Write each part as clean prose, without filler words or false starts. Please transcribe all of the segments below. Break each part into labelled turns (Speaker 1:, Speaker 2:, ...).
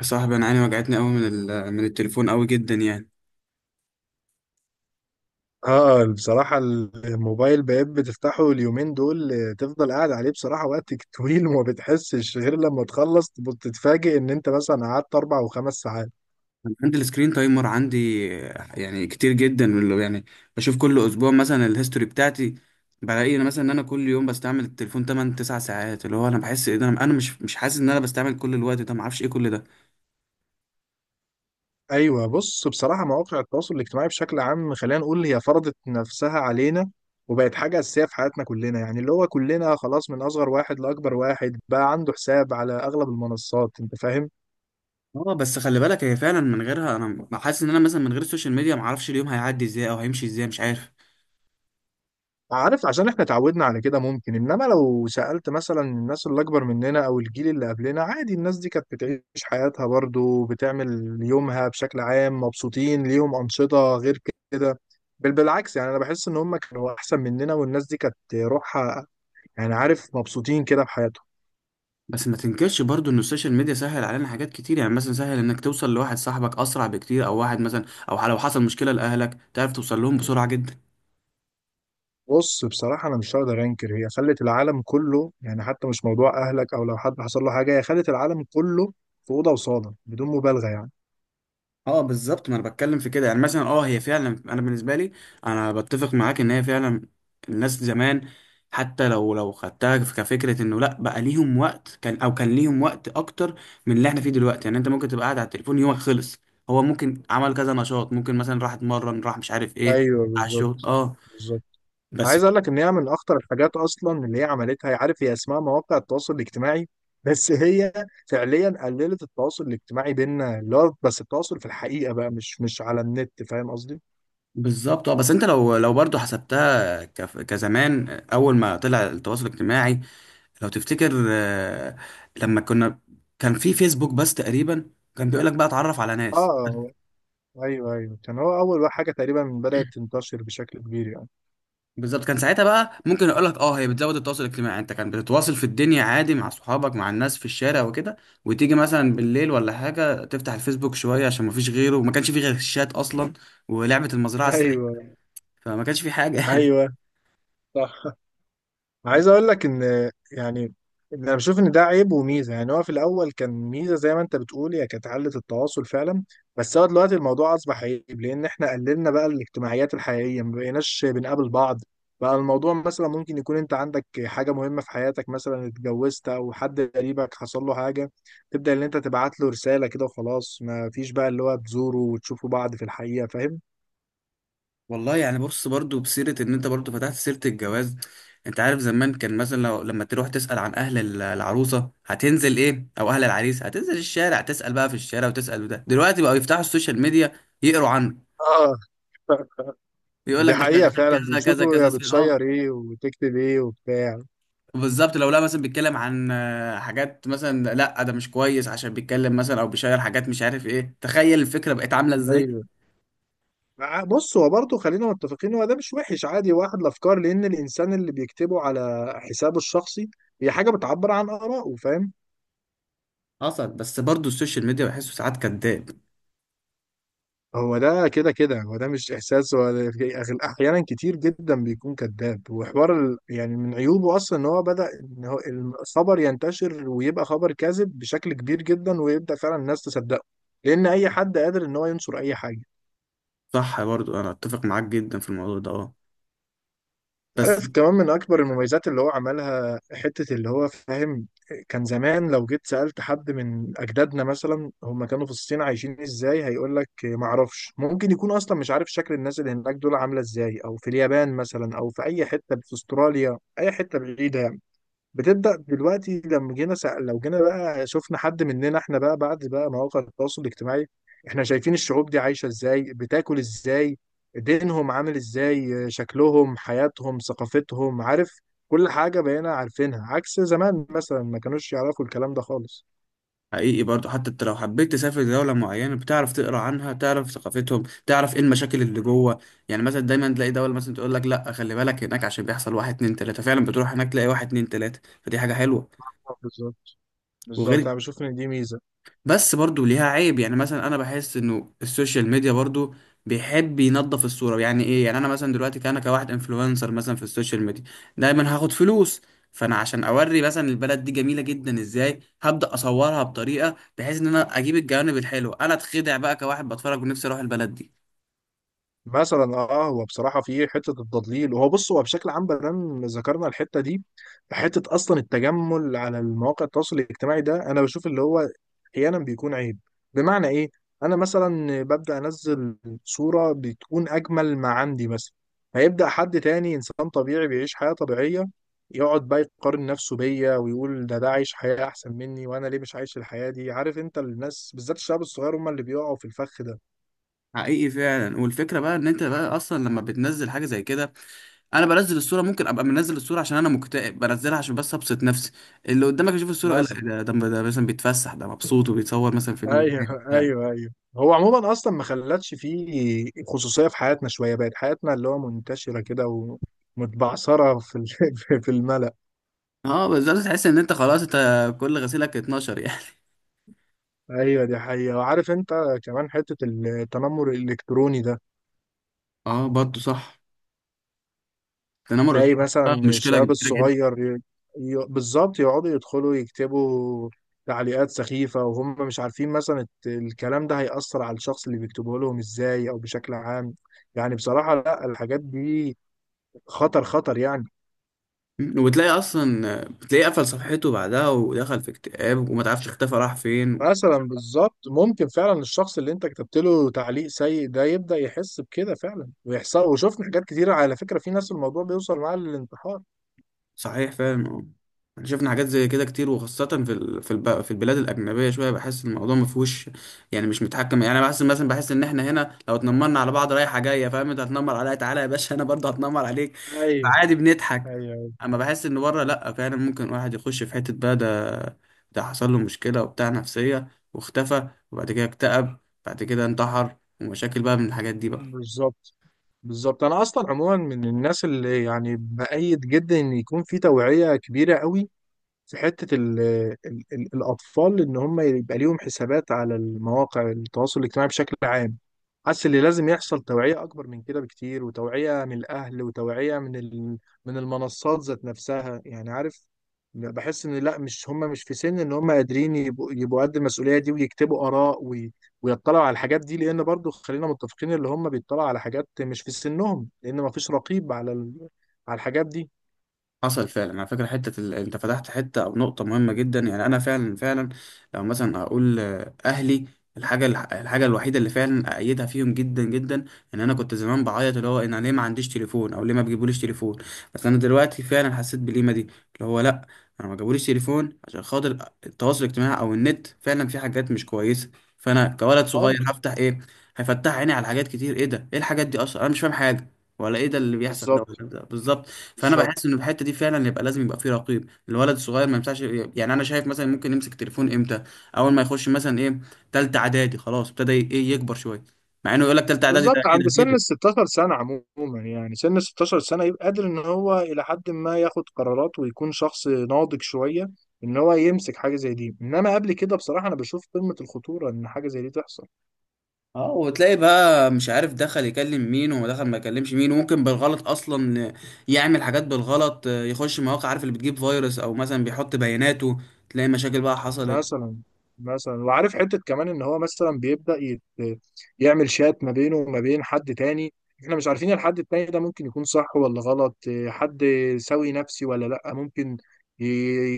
Speaker 1: يا صاحبي، انا عيني وجعتني قوي من التليفون قوي جدا يعني.
Speaker 2: بصراحة الموبايل بقيت بتفتحه اليومين دول، تفضل قاعد عليه بصراحة وقت طويل وما بتحسش غير لما تخلص تتفاجئ ان انت مثلا قعدت اربع وخمس ساعات.
Speaker 1: أنا عندي السكرين تايمر عندي. يعني كتير جدا يعني. بشوف كل اسبوع مثلا الهيستوري بتاعتي. بلاقي انا مثلا ان انا كل يوم بستعمل التليفون 8 9 ساعات، اللي هو انا بحس ايه ده، أنا مش حاسس ان انا بستعمل كل الوقت ده، ما اعرفش ايه كل ده.
Speaker 2: ايوه بص، بصراحة مواقع التواصل الاجتماعي بشكل عام خلينا نقول هي فرضت نفسها علينا وبقت حاجة أساسية في حياتنا كلنا، يعني اللي هو كلنا خلاص من أصغر واحد لأكبر واحد بقى عنده حساب على أغلب المنصات، أنت فاهم.
Speaker 1: اه، بس خلي بالك، هي فعلا من غيرها انا حاسس ان انا مثلا من غير السوشيال ميديا ما اعرفش اليوم هيعدي ازاي او هيمشي ازاي، مش عارف.
Speaker 2: عارف عشان احنا اتعودنا على كده ممكن، انما لو سألت مثلا الناس اللي اكبر مننا او الجيل اللي قبلنا، عادي الناس دي كانت بتعيش حياتها برضو، بتعمل يومها بشكل عام مبسوطين، ليهم أنشطة غير كده. بل بالعكس، يعني انا بحس ان هم كانوا احسن مننا، والناس دي كانت روحها يعني عارف مبسوطين كده بحياتهم.
Speaker 1: بس ما تنكرش برضو ان السوشيال ميديا سهل علينا حاجات كتير، يعني مثلا سهل انك توصل لواحد صاحبك اسرع بكتير، او واحد مثلا، او لو حصل مشكله لاهلك تعرف توصل لهم بسرعه جدا.
Speaker 2: بص بصراحة أنا مش هقدر أنكر، هي خلت العالم كله، يعني حتى مش موضوع أهلك أو لو حد حصل له حاجة، هي خلت العالم كله في أوضة وصالة بدون مبالغة يعني.
Speaker 1: اه بالظبط، ما انا بتكلم في كده، يعني مثلا اه هي فعلا، انا بالنسبه لي انا بتفق معاك ان هي فعلا. الناس زمان حتى لو خدتها كفكره انه لا، بقى ليهم وقت، كان او كان ليهم وقت اكتر من اللي احنا فيه دلوقتي. يعني انت ممكن تبقى قاعد على التليفون يومك خلص، هو ممكن عمل كذا نشاط، ممكن مثلا راح اتمرن، راح مش عارف ايه،
Speaker 2: أيوه
Speaker 1: على الشغل،
Speaker 2: بالظبط.
Speaker 1: اه
Speaker 2: بالظبط انا
Speaker 1: بس.
Speaker 2: عايز اقول لك ان هي من اخطر الحاجات اصلا اللي هي عملتها، عارف هي اسمها مواقع التواصل الاجتماعي بس هي فعليا قللت التواصل الاجتماعي بيننا، اللي هو بس التواصل في الحقيقه بقى مش على النت، فاهم قصدي؟
Speaker 1: بالظبط، اه بس انت لو برضو حسبتها كزمان اول ما طلع التواصل الاجتماعي، لو تفتكر، لما كنا كان في فيسبوك بس تقريبا، كان بيقول لك بقى اتعرف على
Speaker 2: اه
Speaker 1: ناس.
Speaker 2: آه، ايوه كان هو اول حاجه تقريبا بدات تنتشر بشكل كبير يعني.
Speaker 1: بالظبط، كان ساعتها بقى ممكن اقول لك اه هي بتزود التواصل الاجتماعي، انت كان بتتواصل في الدنيا عادي مع صحابك مع الناس في الشارع وكده، وتيجي مثلا بالليل ولا حاجه تفتح الفيسبوك شويه عشان ما فيش غيره، وما كانش في غير الشات اصلا ولعبه المزرعه السعيده.
Speaker 2: ايوه
Speaker 1: فما كانش في حاجه يعني.
Speaker 2: ايوه صح. عايز اقول لك ان يعني انا بشوف ان ده عيب وميزه، يعني هو في الاول كان ميزه زي ما انت بتقول، هي كانت علة التواصل فعلا، بس هو دلوقتي الموضوع اصبح عيب، لان احنا قللنا بقى الاجتماعيات الحقيقيه، ما بقيناش بنقابل بعض. بقى الموضوع مثلا ممكن يكون انت عندك حاجه مهمه في حياتك، مثلا اتجوزت او حد قريبك حصل له حاجه، تبدا ان انت تبعت له رساله كده وخلاص، ما فيش بقى اللي هو تزوره وتشوفوا بعض في الحقيقه، فاهم.
Speaker 1: والله يعني، بص، برضو بسيرة ان انت برضو فتحت سيرة الجواز، انت عارف زمان كان مثلا لو لما تروح تسأل عن العروسة هتنزل ايه، او اهل العريس هتنزل الشارع تسأل بقى في الشارع وتسأل، وده دلوقتي بقوا يفتحوا السوشيال ميديا يقروا عنه،
Speaker 2: اه
Speaker 1: يقول
Speaker 2: دي
Speaker 1: لك ده
Speaker 2: حقيقه
Speaker 1: شغال
Speaker 2: فعلا،
Speaker 1: كذا كذا
Speaker 2: بيشوفوا يا
Speaker 1: كذا سنة، اه.
Speaker 2: بتشير ايه وتكتب ايه وبتاع.
Speaker 1: بالظبط، لو لا مثلا بيتكلم عن حاجات، مثلا لا ده مش كويس عشان بيتكلم مثلا او بيشير حاجات مش عارف ايه، تخيل الفكرة بقت عاملة ازاي.
Speaker 2: ايوه. بص هو برضه خلينا متفقين، هو ده مش وحش عادي واحد الافكار، لان الانسان اللي بيكتبه على حسابه الشخصي هي حاجه بتعبر عن ارائه، فاهم.
Speaker 1: حصل. بس برضو السوشيال ميديا بحسه ساعات كداب.
Speaker 2: هو ده كده هو ده مش احساس هو احيانا كتير جدا بيكون كذاب، وحوار يعني من عيوبه اصلا ان هو بدا ان هو الخبر ينتشر ويبقى خبر كاذب بشكل كبير جدا، ويبدا فعلا الناس تصدقه، لان اي حد قادر ان هو ينشر اي حاجه.
Speaker 1: صح، برضو انا اتفق معاك جدا في الموضوع ده، اه، بس.
Speaker 2: عارف كمان من أكبر المميزات اللي هو عملها حتة اللي هو فاهم، كان زمان لو جيت سألت حد من أجدادنا مثلا هم كانوا في الصين عايشين إزاي، هيقول لك معرفش، ممكن يكون أصلا مش عارف شكل الناس اللي هناك دول عاملة إزاي، أو في اليابان مثلا، أو في أي حتة في أستراليا، أي حتة بعيدة يعني. بتبدأ دلوقتي لما لو جينا بقى شفنا حد مننا احنا بقى بعد بقى مواقع التواصل الاجتماعي، احنا شايفين الشعوب دي عايشة ازاي، بتاكل ازاي، دينهم عامل ازاي، شكلهم، حياتهم، ثقافتهم، عارف كل حاجة بقينا عارفينها، عكس زمان مثلا ما كانوش يعرفوا الكلام ده خالص.
Speaker 1: حقيقي، برضو حتى انت لو حبيت تسافر دولة معينة بتعرف تقرا عنها، تعرف ثقافتهم، تعرف ايه المشاكل اللي جوه. يعني مثلا دايما تلاقي دولة مثلا تقول لك لا خلي بالك هناك عشان بيحصل واحد اتنين تلاتة، فعلا بتروح هناك تلاقي واحد اتنين تلاتة، فدي حاجة حلوة.
Speaker 2: آه، بالظبط. بالظبط
Speaker 1: وغير،
Speaker 2: انا بشوف ان دي ميزة.
Speaker 1: بس برضو ليها عيب، يعني مثلا انا بحس انه السوشيال ميديا برضو بيحب ينظف الصورة، يعني ايه، يعني انا مثلا دلوقتي كأنا كواحد انفلونسر مثلا في السوشيال ميديا دايما هاخد فلوس، فانا عشان اوري مثلا البلد دي جميلة جدا ازاي هبدأ اصورها بطريقة بحيث ان انا اجيب الجوانب الحلوة، انا اتخدع بقى كواحد بتفرج ونفسي اروح البلد دي.
Speaker 2: مثلا اه هو بصراحه في حته التضليل، وهو بص هو بشكل عام بدل ذكرنا الحته دي، حته اصلا التجمل على المواقع التواصل الاجتماعي ده انا بشوف اللي هو احيانا بيكون عيب. بمعنى ايه؟ انا مثلا ببدا انزل صوره بتكون اجمل ما عندي مثلا، هيبدا حد تاني انسان طبيعي بيعيش حياه طبيعيه يقعد بقى يقارن نفسه بيا، ويقول ده عايش حياه احسن مني، وانا ليه مش عايش الحياه دي، عارف انت الناس بالذات الشباب الصغير هم اللي بيقعوا في الفخ
Speaker 1: حقيقي فعلا، والفكرة بقى ان انت بقى اصلا لما بتنزل حاجة زي كده، انا بنزل الصوره ممكن ابقى منزل الصوره عشان انا مكتئب، بنزلها عشان بس ابسط نفسي، اللي قدامك يشوف الصوره
Speaker 2: ده.
Speaker 1: يقول لك إيه ده، ده مثلا بيتفسح، ده مبسوط وبيتصور مثلا في المكان
Speaker 2: ايوه
Speaker 1: ده.
Speaker 2: ايوه ايوه هو عموما اصلا ما خلتش فيه خصوصيه في حياتنا شويه، بقت حياتنا اللي هو منتشره كده ومتبعثره في في الملأ.
Speaker 1: اه بالظبط، تحس ان انت خلاص انت كل غسيلك 12 يعني.
Speaker 2: ايوه دي حقيقه. وعارف انت كمان حته التنمر الالكتروني ده،
Speaker 1: اه برضه صح، التنمر
Speaker 2: تلاقي
Speaker 1: الاجتماعي ده
Speaker 2: مثلا
Speaker 1: مشكله
Speaker 2: الشباب
Speaker 1: كبيره جدا.
Speaker 2: الصغير بالظبط يقعدوا يدخلوا يكتبوا تعليقات سخيفه، وهم مش عارفين مثلا الكلام ده هيأثر على الشخص اللي بيكتبه لهم ازاي، او بشكل عام يعني بصراحه لا، الحاجات دي خطر يعني.
Speaker 1: وبتلاقي اصلا بتلاقيه قفل صفحته بعدها ودخل في اكتئاب وما تعرفش اختفى راح فين.
Speaker 2: مثلا بالظبط ممكن فعلا الشخص اللي انت كتبت له تعليق سيء ده يبدأ يحس بكده فعلا، ويحصل وشفنا حاجات كتيرة على فكرة، في ناس الموضوع بيوصل معاها للانتحار.
Speaker 1: صحيح فعلا، اه. احنا شفنا حاجات زي كده كتير، وخاصة في البلاد الأجنبية شوية بحس الموضوع ما فيهوش، يعني مش متحكم، يعني بحس إن احنا هنا لو اتنمرنا على بعض رايحة جاية، فاهم، أنت هتنمر عليا تعالى يا باشا أنا برضه هتنمر عليك،
Speaker 2: ايوه
Speaker 1: فعادي بنضحك.
Speaker 2: ايوه
Speaker 1: أما بحس إن بره لأ، فعلا ممكن واحد يخش في حتة بقى ده، ده حصل له مشكلة وبتاع نفسية، واختفى، وبعد كده اكتئب، بعد كده انتحر، ومشاكل بقى من الحاجات دي بقى.
Speaker 2: بالظبط. بالظبط انا اصلا عموما من الناس اللي يعني بأيد جدا ان يكون في توعية كبيرة قوي في حتة ال الأطفال، إن هم يبقى ليهم حسابات على المواقع التواصل الاجتماعي بشكل عام. حاسس اللي لازم يحصل توعية أكبر من كده بكتير، وتوعية من الأهل وتوعية من من المنصات ذات نفسها، يعني عارف بحس إن لأ، مش هم مش في سن إن هم قادرين يبقوا قد المسؤولية دي، ويكتبوا آراء ويطلعوا على الحاجات دي، لأن برضو خلينا متفقين اللي هم بيطلعوا على حاجات مش في سنهم، لأن مفيش رقيب على على الحاجات دي
Speaker 1: حصل فعلا على فكرة، انت فتحت حتة او نقطة مهمة جدا، يعني انا فعلا فعلا لو مثلا اقول اهلي، الحاجة الوحيدة اللي فعلا أأيدها فيهم جدا جدا، إن أنا كنت زمان بعيط اللي هو إن أنا ليه ما عنديش تليفون أو ليه ما بيجيبوليش تليفون، بس أنا دلوقتي فعلا حسيت بالقيمة دي، اللي هو لأ، أنا ما جابوليش تليفون عشان خاطر التواصل الاجتماعي أو النت فعلا في حاجات مش كويسة. فأنا كولد صغير
Speaker 2: خالص.
Speaker 1: هفتح إيه، هيفتح عيني على حاجات كتير، إيه ده، إيه الحاجات دي، أصلا أنا مش فاهم حاجة، ولا إيه ده اللي بيحصل ده، ولا
Speaker 2: بالظبط.
Speaker 1: ده بالظبط. فانا
Speaker 2: بالظبط
Speaker 1: بحس ان في الحته دي فعلا يبقى لازم يبقى في رقيب، الولد الصغير ما ينفعش، يعني انا شايف مثلا ممكن يمسك تليفون امتى، اول ما يخش مثلا ايه تالتة اعدادي خلاص، ابتدى ايه يكبر شويه، مع انه يقول لك تالتة اعدادي ده
Speaker 2: بالظبط
Speaker 1: ايه
Speaker 2: عند
Speaker 1: ده
Speaker 2: سن ال
Speaker 1: كده.
Speaker 2: 16 سنة عموما، يعني سن ال 16 سنة يبقى قادر ان هو الى حد ما ياخد قرارات، ويكون شخص ناضج شوية ان هو يمسك حاجة زي دي، انما قبل كده بصراحة انا بشوف قمة الخطورة ان حاجة زي دي تحصل.
Speaker 1: اه، وتلاقي بقى مش عارف دخل يكلم مين ودخل ما يكلمش مين، وممكن بالغلط اصلا يعمل حاجات بالغلط، يخش مواقع عارف اللي بتجيب فيروس، او مثلا بيحط بياناته، تلاقي مشاكل بقى حصلت.
Speaker 2: مثلا. مثلا وعارف حتة كمان ان هو مثلا يعمل شات ما بينه وما بين حد تاني، احنا مش عارفين الحد التاني ده ممكن يكون صح ولا غلط، إيه، حد سوي نفسي ولا لا، ممكن ي-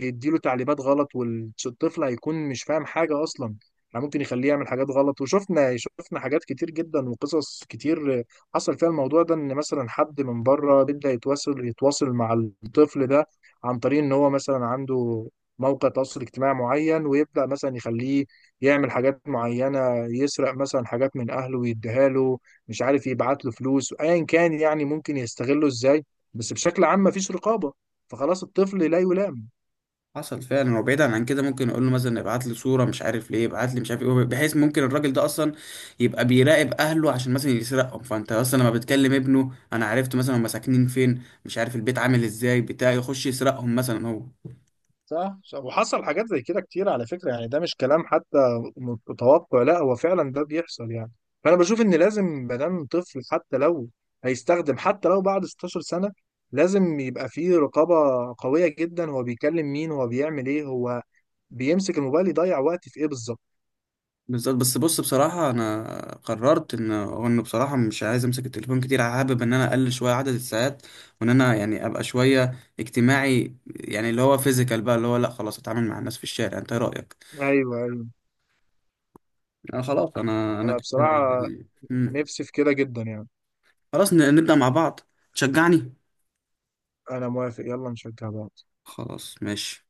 Speaker 2: يديله تعليمات غلط، والطفل هيكون مش فاهم حاجة اصلا، يعني ممكن يخليه يعمل حاجات غلط. وشفنا حاجات كتير جدا وقصص كتير حصل فيها الموضوع ده، ان مثلا حد من بره بيبدأ يتواصل مع الطفل ده عن طريق ان هو مثلا عنده موقع تواصل اجتماعي معين، ويبدأ مثلا يخليه يعمل حاجات معينة، يسرق مثلا حاجات من أهله ويديها له، مش عارف يبعت له فلوس أيا كان، يعني ممكن يستغله إزاي، بس بشكل عام مفيش رقابة، فخلاص الطفل لا يلام.
Speaker 1: حصل فعلا، وبعيدا عن كده ممكن اقول له مثلا ابعت لي صوره مش عارف ليه، ابعت لي مش عارف ايه، بحيث ممكن الراجل ده اصلا يبقى بيراقب اهله عشان مثلا يسرقهم، فانت اصلا لما بتكلم ابنه انا عرفت مثلا هم ساكنين فين، مش عارف البيت عامل ازاي بتاع، يخش يسرقهم مثلا هو.
Speaker 2: صح صح. وحصل حاجات زي كده كتير على فكرة، يعني ده مش كلام حتى متوقع، لا هو فعلا ده بيحصل يعني. فأنا بشوف إن لازم مادام طفل، حتى لو هيستخدم حتى لو بعد 16 سنة لازم يبقى فيه رقابة قوية جدا، هو بيكلم مين، هو بيعمل ايه، هو بيمسك الموبايل يضيع وقتي في ايه بالظبط.
Speaker 1: بالظبط، بس بص بصراحه انا قررت ان انه بصراحه مش عايز امسك التليفون كتير، حابب ان انا اقلل شويه عدد الساعات، وان انا يعني ابقى شويه اجتماعي، يعني اللي هو فيزيكال بقى، اللي هو لا خلاص اتعامل مع الناس في الشارع، انت إيه رايك؟
Speaker 2: ايوه.
Speaker 1: آه خلاص، انا
Speaker 2: انا
Speaker 1: كده
Speaker 2: بصراحه
Speaker 1: يعني. مم.
Speaker 2: نفسي في كده جدا يعني.
Speaker 1: خلاص، نبدأ مع بعض، تشجعني.
Speaker 2: انا موافق، يلا نشجع بعض.
Speaker 1: خلاص ماشي.